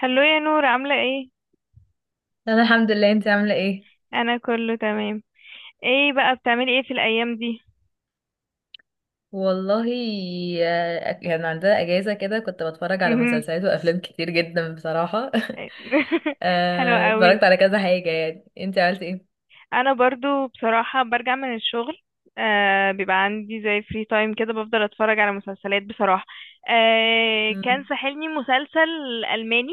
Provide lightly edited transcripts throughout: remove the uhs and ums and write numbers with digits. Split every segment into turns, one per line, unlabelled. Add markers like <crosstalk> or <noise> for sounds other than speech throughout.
هلو يا نور، عاملة ايه؟
انا الحمد لله. انت عامله ايه؟
انا كله تمام. ايه بقى بتعملي ايه في الايام دي؟
والله. كان عندنا اجازه كده كنت بتفرج على
مهم.
مسلسلات وافلام كتير جدا بصراحه <laughs>
<laughs> حلو قوي.
اتفرجت على كذا حاجه. يعني انت عملت ايه؟
انا برضو بصراحة برجع من الشغل. بيبقى عندي زي فري تايم كده، بفضل اتفرج على مسلسلات بصراحة. كان
مم.
ساحلني مسلسل الماني،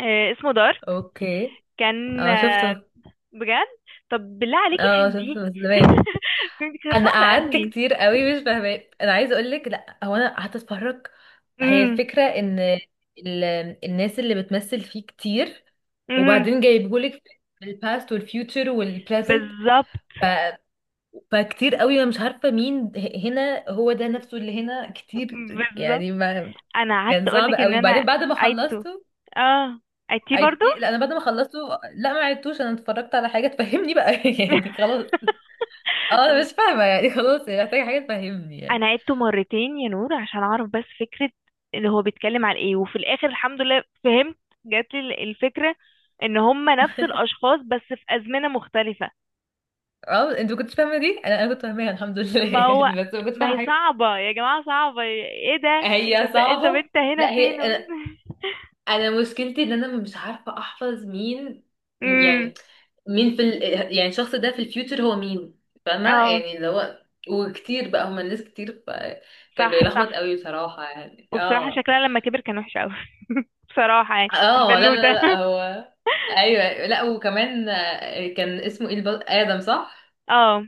اسمه دارك.
اوكي.
كان
اه شفته.
بجد. طب بالله عليكي
اه
فهمتيه؟
شفته بس
<laughs>
زمان.
فهمتي، كانت
انا
صعبة
قعدت
قوي.
كتير قوي مش فاهمه. انا عايزه اقول لك، لا هو انا قعدت اتفرج. هي
امم
الفكره ان ال... الناس اللي بتمثل فيه كتير،
امم
وبعدين جايبهولك الباست والفيوتشر والبريزنت،
بالظبط.
فكتير قوي انا مش عارفه مين. هنا هو ده نفسه اللي هنا كتير،
بالظبط.
يعني ما.
انا قعدت
كان صعب
اقولك ان
قوي.
انا
وبعدين بعد ما
عيدته.
خلصته.
اه عيدتيه برضو.
عدتي؟ لا انا بعد ما خلصته، لا ما عدتوش. انا اتفرجت على حاجه تفهمني بقى <laughs> يعني خلاص. اه انا مش
<laughs>
فاهمه، يعني خلاص، يعني محتاجه حاجه تفهمني يعني.
انا عيدته مرتين يا نور عشان اعرف بس فكرة ان هو بيتكلم عن ايه، وفي الاخر الحمد لله فهمت. جات لي الفكرة ان هما نفس الاشخاص بس في ازمنة مختلفة.
اه انت ما كنتش فاهمه دي، انا كنت فاهماها الحمد لله
ما
<laughs>
هو
يعني بس ما كنتش
ما
فاهمه
هي
حاجه.
صعبة يا جماعة، صعبة ايه ده،
هي
انت
صعبه.
انت هنا
لا
فين؟
هي،
<laughs>
انا مشكلتي ان انا مش عارفه احفظ مين.
امم.
يعني مين يعني الشخص ده في الفيوتشر هو مين، فاهمه؟
اه
يعني اللي هو، وكتير بقى، هما الناس كتير، فكان
صح.
بيلخبط
صح.
قوي بصراحه يعني.
وبصراحة
اه.
شكلها لما كبر كان وحش قوي. <laughs> بصراحة يعني
اه، لا لا
البنوتة.
لا،
<laughs>
هو ايوه. لا وكمان، كان اسمه ايه؟ ادم، صح.
اه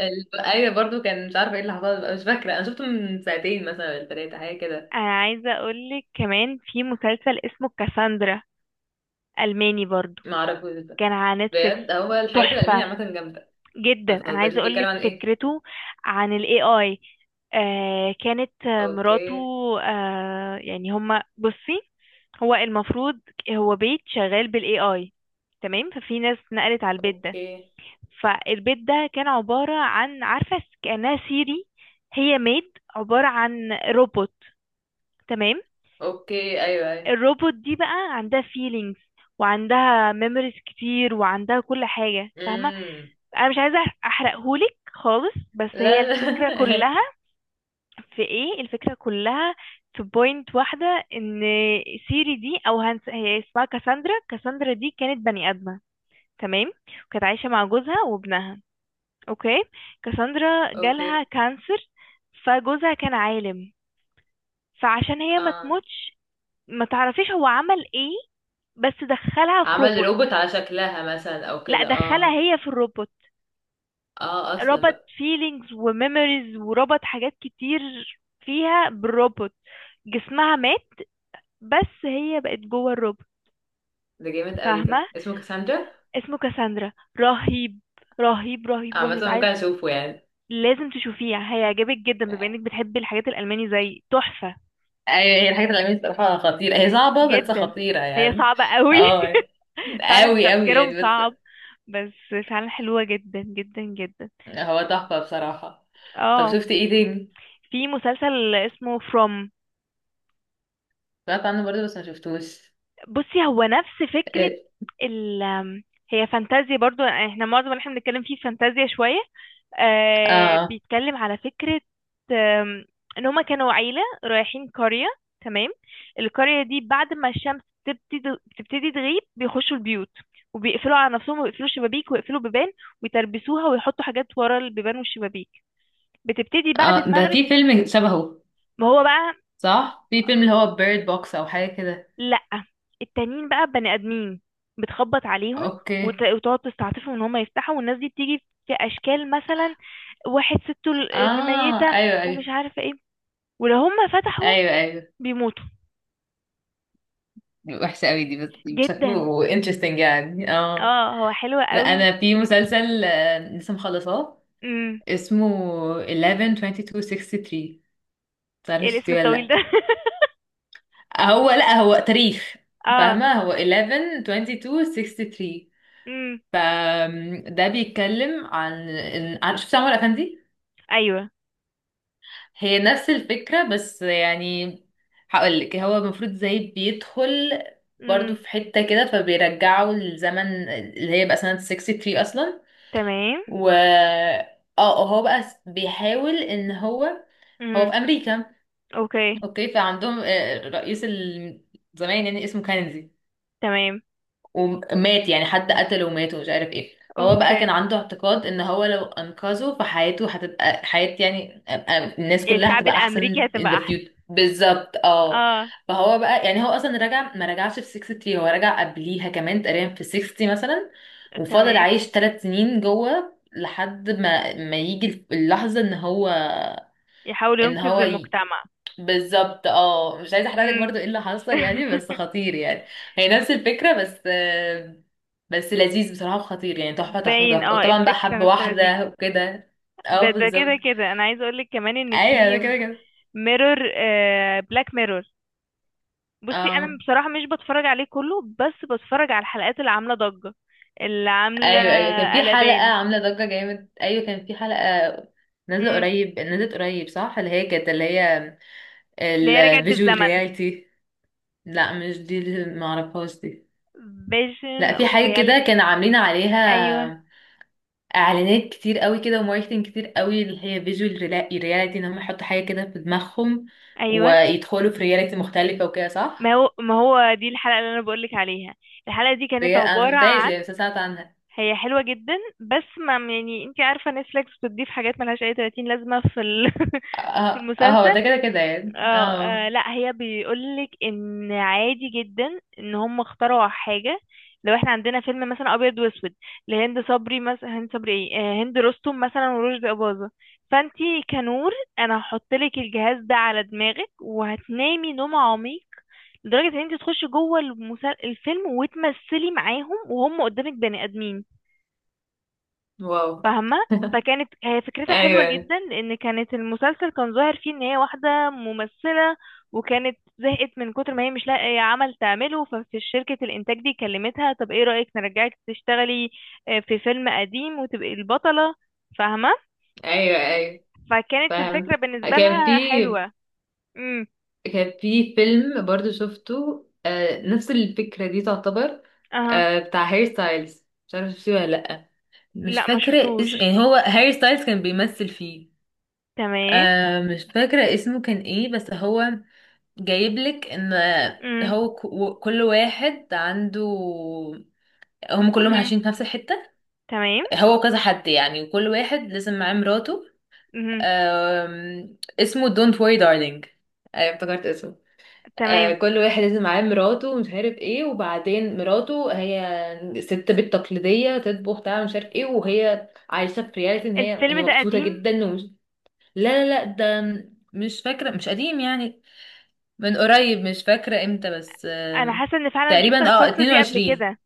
ايوه، برضو كان مش عارفه ايه اللي حصل بقى، مش فاكره. انا شفته من ساعتين مثلا ولا ثلاثه، حاجه كده.
انا عايزه اقولك كمان في مسلسل اسمه كاساندرا، الماني برضو،
ما اعرفوش ده.
كان على نتفليكس.
بجد هو الحاجات الالمانيه
تحفه
عامه جامده.
جدا.
ما
انا
تهزريش،
عايزه
بيتكلم
اقولك
عن ايه؟
فكرته، عن الاي اي. كانت مراته.
اوكي.
يعني هما بصي، هو المفروض هو بيت شغال بالاي اي. تمام، ففي ناس نقلت على البيت ده.
اوكي.
فالبيت ده كان عباره عن، عارفه، كانها سيري. هي ميد عباره عن روبوت. تمام.
اوكي، ايوه ايوه.
الروبوت دي بقى عندها feelings، وعندها memories كتير، وعندها كل حاجة، فاهمة.
امم.
انا مش عايزة احرقهولك خالص، بس هي
لا
الفكرة
لا
كلها في ايه. الفكرة كلها في بوينت واحدة، ان سيري دي او هي اسمها كاساندرا. كاساندرا دي كانت بني ادمة، تمام، وكانت عايشة مع جوزها وابنها. اوكي.
<laughs>
كاساندرا جالها
اوكي.
كانسر. فجوزها كان عالم، فعشان هي ما
اه،
تموتش، ما تعرفيش هو عمل ايه، بس دخلها في
عمل
روبوت.
روبوت على شكلها مثلا او
لا،
كده،
دخلها
اه.
هي في الروبوت.
اه اصلا
ربط
بقى.
فيلينجز وميموريز وربط حاجات كتير فيها بالروبوت. جسمها مات، بس هي بقت جوه الروبوت،
ده جامد قوي،
فاهمة.
ده اسمه كاساندرا.
اسمه كاساندرا. رهيب رهيب رهيب
عامة
رهيب.
ممكن
عايز،
اشوفه يعني.
لازم تشوفيه، هيعجبك جدا، بما انك بتحبي الحاجات الألماني، زي تحفة.
ايوه، هي الحاجات العلمية الصراحة خطيرة، هي صعبة بس
جدا،
خطيرة
هي
يعني.
صعبة قوي.
اه،
<laughs> فعلا
قوي قوي
تفكيرهم
يعني، بس
صعب، بس فعلا حلوة جدا جدا جدا.
هو تحفة بصراحة. طب
اه
شفت ايه تاني؟
في مسلسل اسمه فروم.
سمعت عنه برضه بس ما شفتوش.
بصي هو نفس فكرة
إيه،
ال هي فانتازيا برضو. احنا معظم اللي احنا بنتكلم فيه فانتازيا شوية.
اه
بيتكلم على فكرة، آم، ان هما كانوا عيلة رايحين قرية. تمام. القرية دي، بعد ما الشمس تبتدي، تغيب بيخشوا البيوت، وبيقفلوا على نفسهم، ويقفلوا الشبابيك، ويقفلوا بيبان، ويتربسوها، ويحطوا حاجات ورا البيبان والشبابيك. بتبتدي بعد
اه، ده
المغرب
في
يسمع،
فيلم شبهه.
ما هو بقى.
صح، في فيلم اللي هو بيرد بوكس او حاجه كده.
لأ، التانيين بقى بني آدمين. بتخبط عليهم،
اوكي،
وتقعد تستعطفهم ان هم يفتحوا، والناس دي بتيجي في اشكال مثلا، واحد سته
اه،
الميتة،
ايوه
ومش
ايوه.
عارفة ايه، ولو هم فتحوا
ايوه ايوه،
بيموتوا.
وحشه قوي دي بس.
جدا.
شكله انترستنج يعني، اه.
اه هو حلو
لا
قوي
انا في
فكرته.
مسلسل، لسه مخلصاه،
امم،
اسمه 112263.
ايه
تعرفش
الاسم
شفتيه ولا
الطويل
لا؟
ده؟ <laughs>
هو لا، هو تاريخ،
اه.
فاهمه؟ هو 112263.
امم.
فده بيتكلم عن شفت عمر افندي؟
ايوه.
هي نفس الفكرة بس، يعني هقولك، هو المفروض زي بيدخل برضو
امم.
في حتة كده فبيرجعوا للزمن اللي هي بقى سنة 63 أصلا.
تمام.
و اه، هو بقى بيحاول ان هو هو
امم.
في أمريكا،
اوكي.
اوكي. فعندهم رئيس زمان يعني اسمه كينيدي،
تمام.
ومات يعني حد قتله ومات ومش عارف ايه. فهو بقى
اوكي.
كان عنده اعتقاد ان هو لو انقذه فحياته هتبقى حياة يعني، الناس كلها
الشعب
هتبقى
الامريكي
احسن in
هتبقى
the
احسن.
future، بالظبط، اه.
اه.
فهو بقى يعني، هو اصلا رجع، ما رجعش في 63، هو رجع قبليها كمان تقريبا في 60 مثلا، وفضل
تمام.
عايش 3 سنين جوه لحد ما يجي اللحظة ان هو،
يحاول
ان
ينقذ
هو
المجتمع.
بالظبط، اه. مش عايزه احرقلك برضو ايه اللي حصل يعني، بس
<laughs>
خطير يعني. هي نفس الفكره بس، بس لذيذ بصراحه وخطير يعني، تحفه تحفه
باين،
تحفه.
اه
وطبعا بقى حب
الفكرة نفسها لذيذة.
واحده وكده. اه
ده
بالظبط.
كده كده انا عايزة اقولك كمان ان
ايوه،
في
ده كده كده.
ميرور، بلاك ميرور. بصي انا
اه
بصراحة مش بتفرج عليه كله، بس بتفرج على الحلقات اللي عاملة ضجة، اللي عاملة
ايوه ايوه، كان في حلقه
قلبان.
عامله ضجه جامد. ايوه كان في حلقه نازله
امم.
قريب، نزلت قريب صح، اللي هي كانت، اللي هي
اللي هي رجعت
الفيجوال
بالزمن،
رياليتي. لا مش دي، اللي معرفهاش دي.
فيجن
لا، في
اوف
حاجه كده
رياليتي.
كانوا عاملين
ايوه
عليها اعلانات كتير قوي كده وماركتنج كتير قوي، اللي هي فيجوال رياليتي، ان هم يحطوا حاجه كده في دماغهم
ايوه.
ويدخلوا في رياليتي مختلفه وكده،
ما
صح.
هو ما هو دي الحلقة اللي انا بقولك عليها. الحلقة دي كانت
انا
عبارة
مشفتهاش
عن،
يعني بس أنا سمعت عنها.
هي حلوة جدا. بس ما يعني، انتي عارفة نتفليكس بتضيف حاجات ملهاش اي 30 لازمة في <laughs> في
اه، هو
المسلسل.
ده كده كده يعني،
اه
اه.
لا هي بيقولك ان عادي جدا ان هم اخترعوا حاجة، لو احنا عندنا فيلم مثلا ابيض واسود لهند صبري مثلا، هند صبري ايه، هند رستم مثلا ورشدي اباظة، فانتي كنور، انا هحطلك الجهاز ده على دماغك وهتنامي نوم عميق لدرجة ان انتي تخشي جوه الفيلم وتمثلي معاهم وهم قدامك بني ادمين،
واو.
فاهمة. فكانت هي فكرتها حلوة
ايوه
جدا، لأن كانت المسلسل كان ظاهر فيه إن هي واحدة ممثلة، وكانت زهقت من كتر ما هي مش لاقية عمل تعمله، ففي شركة الإنتاج دي كلمتها طب إيه رأيك نرجعك تشتغلي في فيلم قديم وتبقي البطلة، فاهمة.
ايوه ايوه،
فكانت
فاهم.
الفكرة بالنسبة
كان في.
لها حلوة. امم.
كان في فيلم برضو شفته، آه نفس الفكره دي تعتبر.
أها.
آه بتاع هير ستايلز، مش عارفه شفتيه ولا لا. مش
لا ما
فاكره
شفتوش.
اسمه يعني، هو هاري ستايلز كان بيمثل فيه.
تمام.
آه مش فاكرة اسمه كان ايه بس هو جايبلك ان
امم.
كل واحد عنده، هم كلهم
أمم.
عايشين في نفس الحتة.
تمام.
هو كذا حد يعني، وكل واحد لازم معاه مراته.
امم.
اسمه Don't worry darling. افتكرت اسمه.
تمام.
كل واحد لازم معاه مراته ومش عارف ايه، وبعدين مراته هي ست بيت تقليدية تطبخ تعمل مش عارف ايه، وهي عايشة في رياليتي ان هي
الفيلم ده
مبسوطة
قديم؟
جدا ومش. لا لا لا، ده مش فاكرة، مش قديم يعني، من قريب، مش فاكرة امتى، بس
أنا حاسة إن فعلا شفت
تقريبا اه
القصة دي قبل
22،
كده.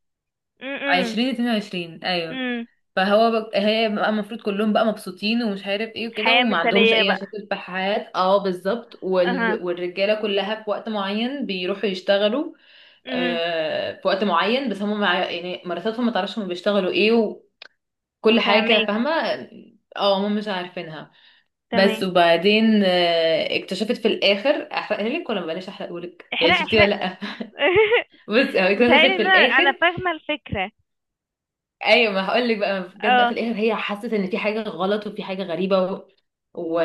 امم.
2022، ايوه.
امم.
فهو هي بقى المفروض كلهم بقى مبسوطين ومش عارف ايه وكده،
حياة
وما عندهمش
مثالية
اي
بقى.
مشاكل في الحياة، اه بالظبط.
اها.
والرجالة كلها في وقت معين بيروحوا يشتغلوا،
امم.
آه في وقت معين، بس هم يعني مراتاتهم ما تعرفش هم بيشتغلوا ايه، وكل حاجة
فهماكي.
فاهمة. اه هم مش عارفينها. بس
تمام.
وبعدين، اكتشفت في الاخر. احرقها لك ولا ما بلاش احرقهولك
احرق
يعني، شفتي ولا
احرق.
لأ؟
<laughs>
بص، هو اكتشفت
متهيألي
في
ان انا، انا
الاخر.
فاهمة الفكرة.
ايوه ما هقول لك بقى، جت بقى في
اه،
الاخر هي حست ان في حاجه غلط وفي حاجه غريبه و... و...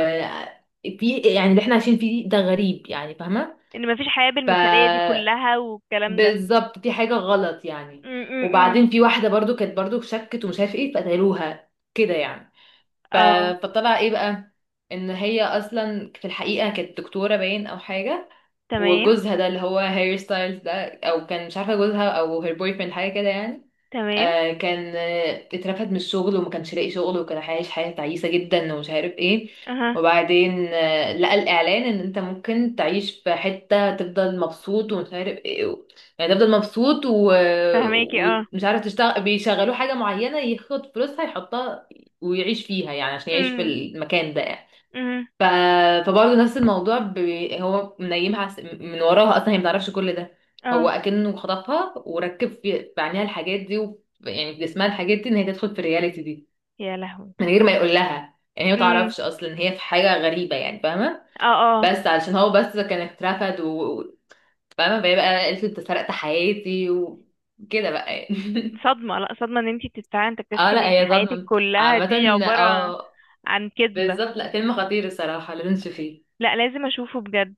في يعني اللي احنا عايشين فيه ده غريب يعني، فاهمه؟
ان مفيش حياة
ف،
بالمثالية دي كلها والكلام ده.
بالظبط، في حاجه غلط يعني.
امم.
وبعدين في واحده برضو كانت برضو شكت ومش عارف ايه فقتلوها، كده يعني. ف...
اه.
فطلع ايه بقى، ان هي اصلا في الحقيقه كانت دكتوره باين او حاجه.
تمام.
وجوزها ده اللي هو هير ستايلز ده، او كان مش عارفه جوزها او هير بوي فريند، حاجه كده يعني.
تمام.
آه كان، اترفد من الشغل وما كانش لاقي شغل، وكان عايش حياة تعيسة جدا ومش عارف ايه.
اها.
وبعدين آه لقى الإعلان ان انت ممكن تعيش في حتة تفضل مبسوط ومش عارف ايه و... يعني تفضل مبسوط و...
فهماكي اه.
ومش عارف، تشتغل بيشغلوه حاجة معينة ياخد فلوسها يحطها ويعيش فيها يعني، عشان يعيش في
امم.
المكان ده.
امم.
ف... فبرضه نفس الموضوع هو منيمها من وراها، اصلا هي ما تعرفش كل ده. هو
اه.
اكنه خطفها وركب في عينيها الحاجات دي و... يعني في جسمها الحاجات دي ان هي تدخل في الرياليتي دي،
يا لهوي.
من غير ما يقول لها يعني، هي ما
امم.
تعرفش اصلا ان هي في حاجه غريبه يعني، فاهمه؟
اه. اه
بس علشان هو بس كان اترفد و... و- فاهمه. فهي بقى قالت له انت سرقت حياتي، وكده بقى يعني <laughs>
صدمة، لا صدمة ان انتي بتتفاعلي، انت
اه
تكتشفي ان
لا
انتي
هي
حياتك
صدمه
كلها
عامه،
دي عبارة
اه
عن كذبة.
بالظبط. لا فيلم خطير الصراحه، لازم تشوفيه.
لا لازم اشوفه بجد.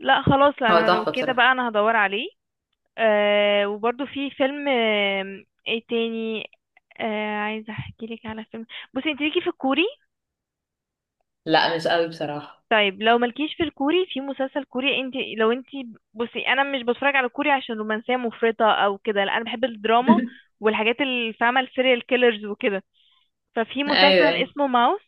لا خلاص،
هو
انا لو
تحفه
كده
بصراحه.
بقى انا هدور عليه. آه وبرضو في فيلم، ايه تاني؟ عايزه احكي لك على فيلم. بصي انت ليكي في الكوري؟
لا مش قوي بصراحه
طيب لو مالكيش في الكوري، في مسلسل كوري، انت لو انت، بصي انا مش بتفرج على كوري عشان رومانسيه مفرطه او كده، لا انا بحب الدراما
<laughs>
والحاجات اللي، فاهمه، السيريال كيلرز وكده. ففي
ايوه
مسلسل
ايوه.
اسمه ماوس،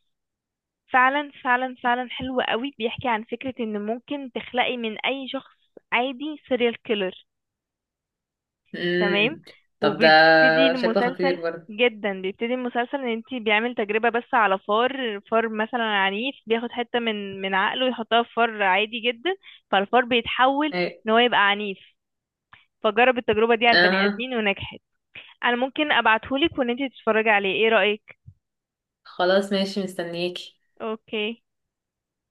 فعلا فعلا فعلا حلو قوي. بيحكي عن فكره ان ممكن تخلقي من اي شخص عادي سيريال كيلر. تمام.
امم طب ده
وبيبتدي
شكله
المسلسل،
خطير برضه.
جدا. بيبتدي المسلسل ان انتي، بيعمل تجربة بس على فار، فار مثلا عنيف بياخد حتة من عقله يحطها في فار عادي جدا، فالفار بيتحول
ايوه،
ان هو يبقى عنيف. فجرب التجربة دي على البني
اها.
ادمين ونجحت. انا ممكن ابعتهولك وان انتي تتفرجي عليه، ايه رأيك؟
خلاص ماشي، مستنيك.
اوكي.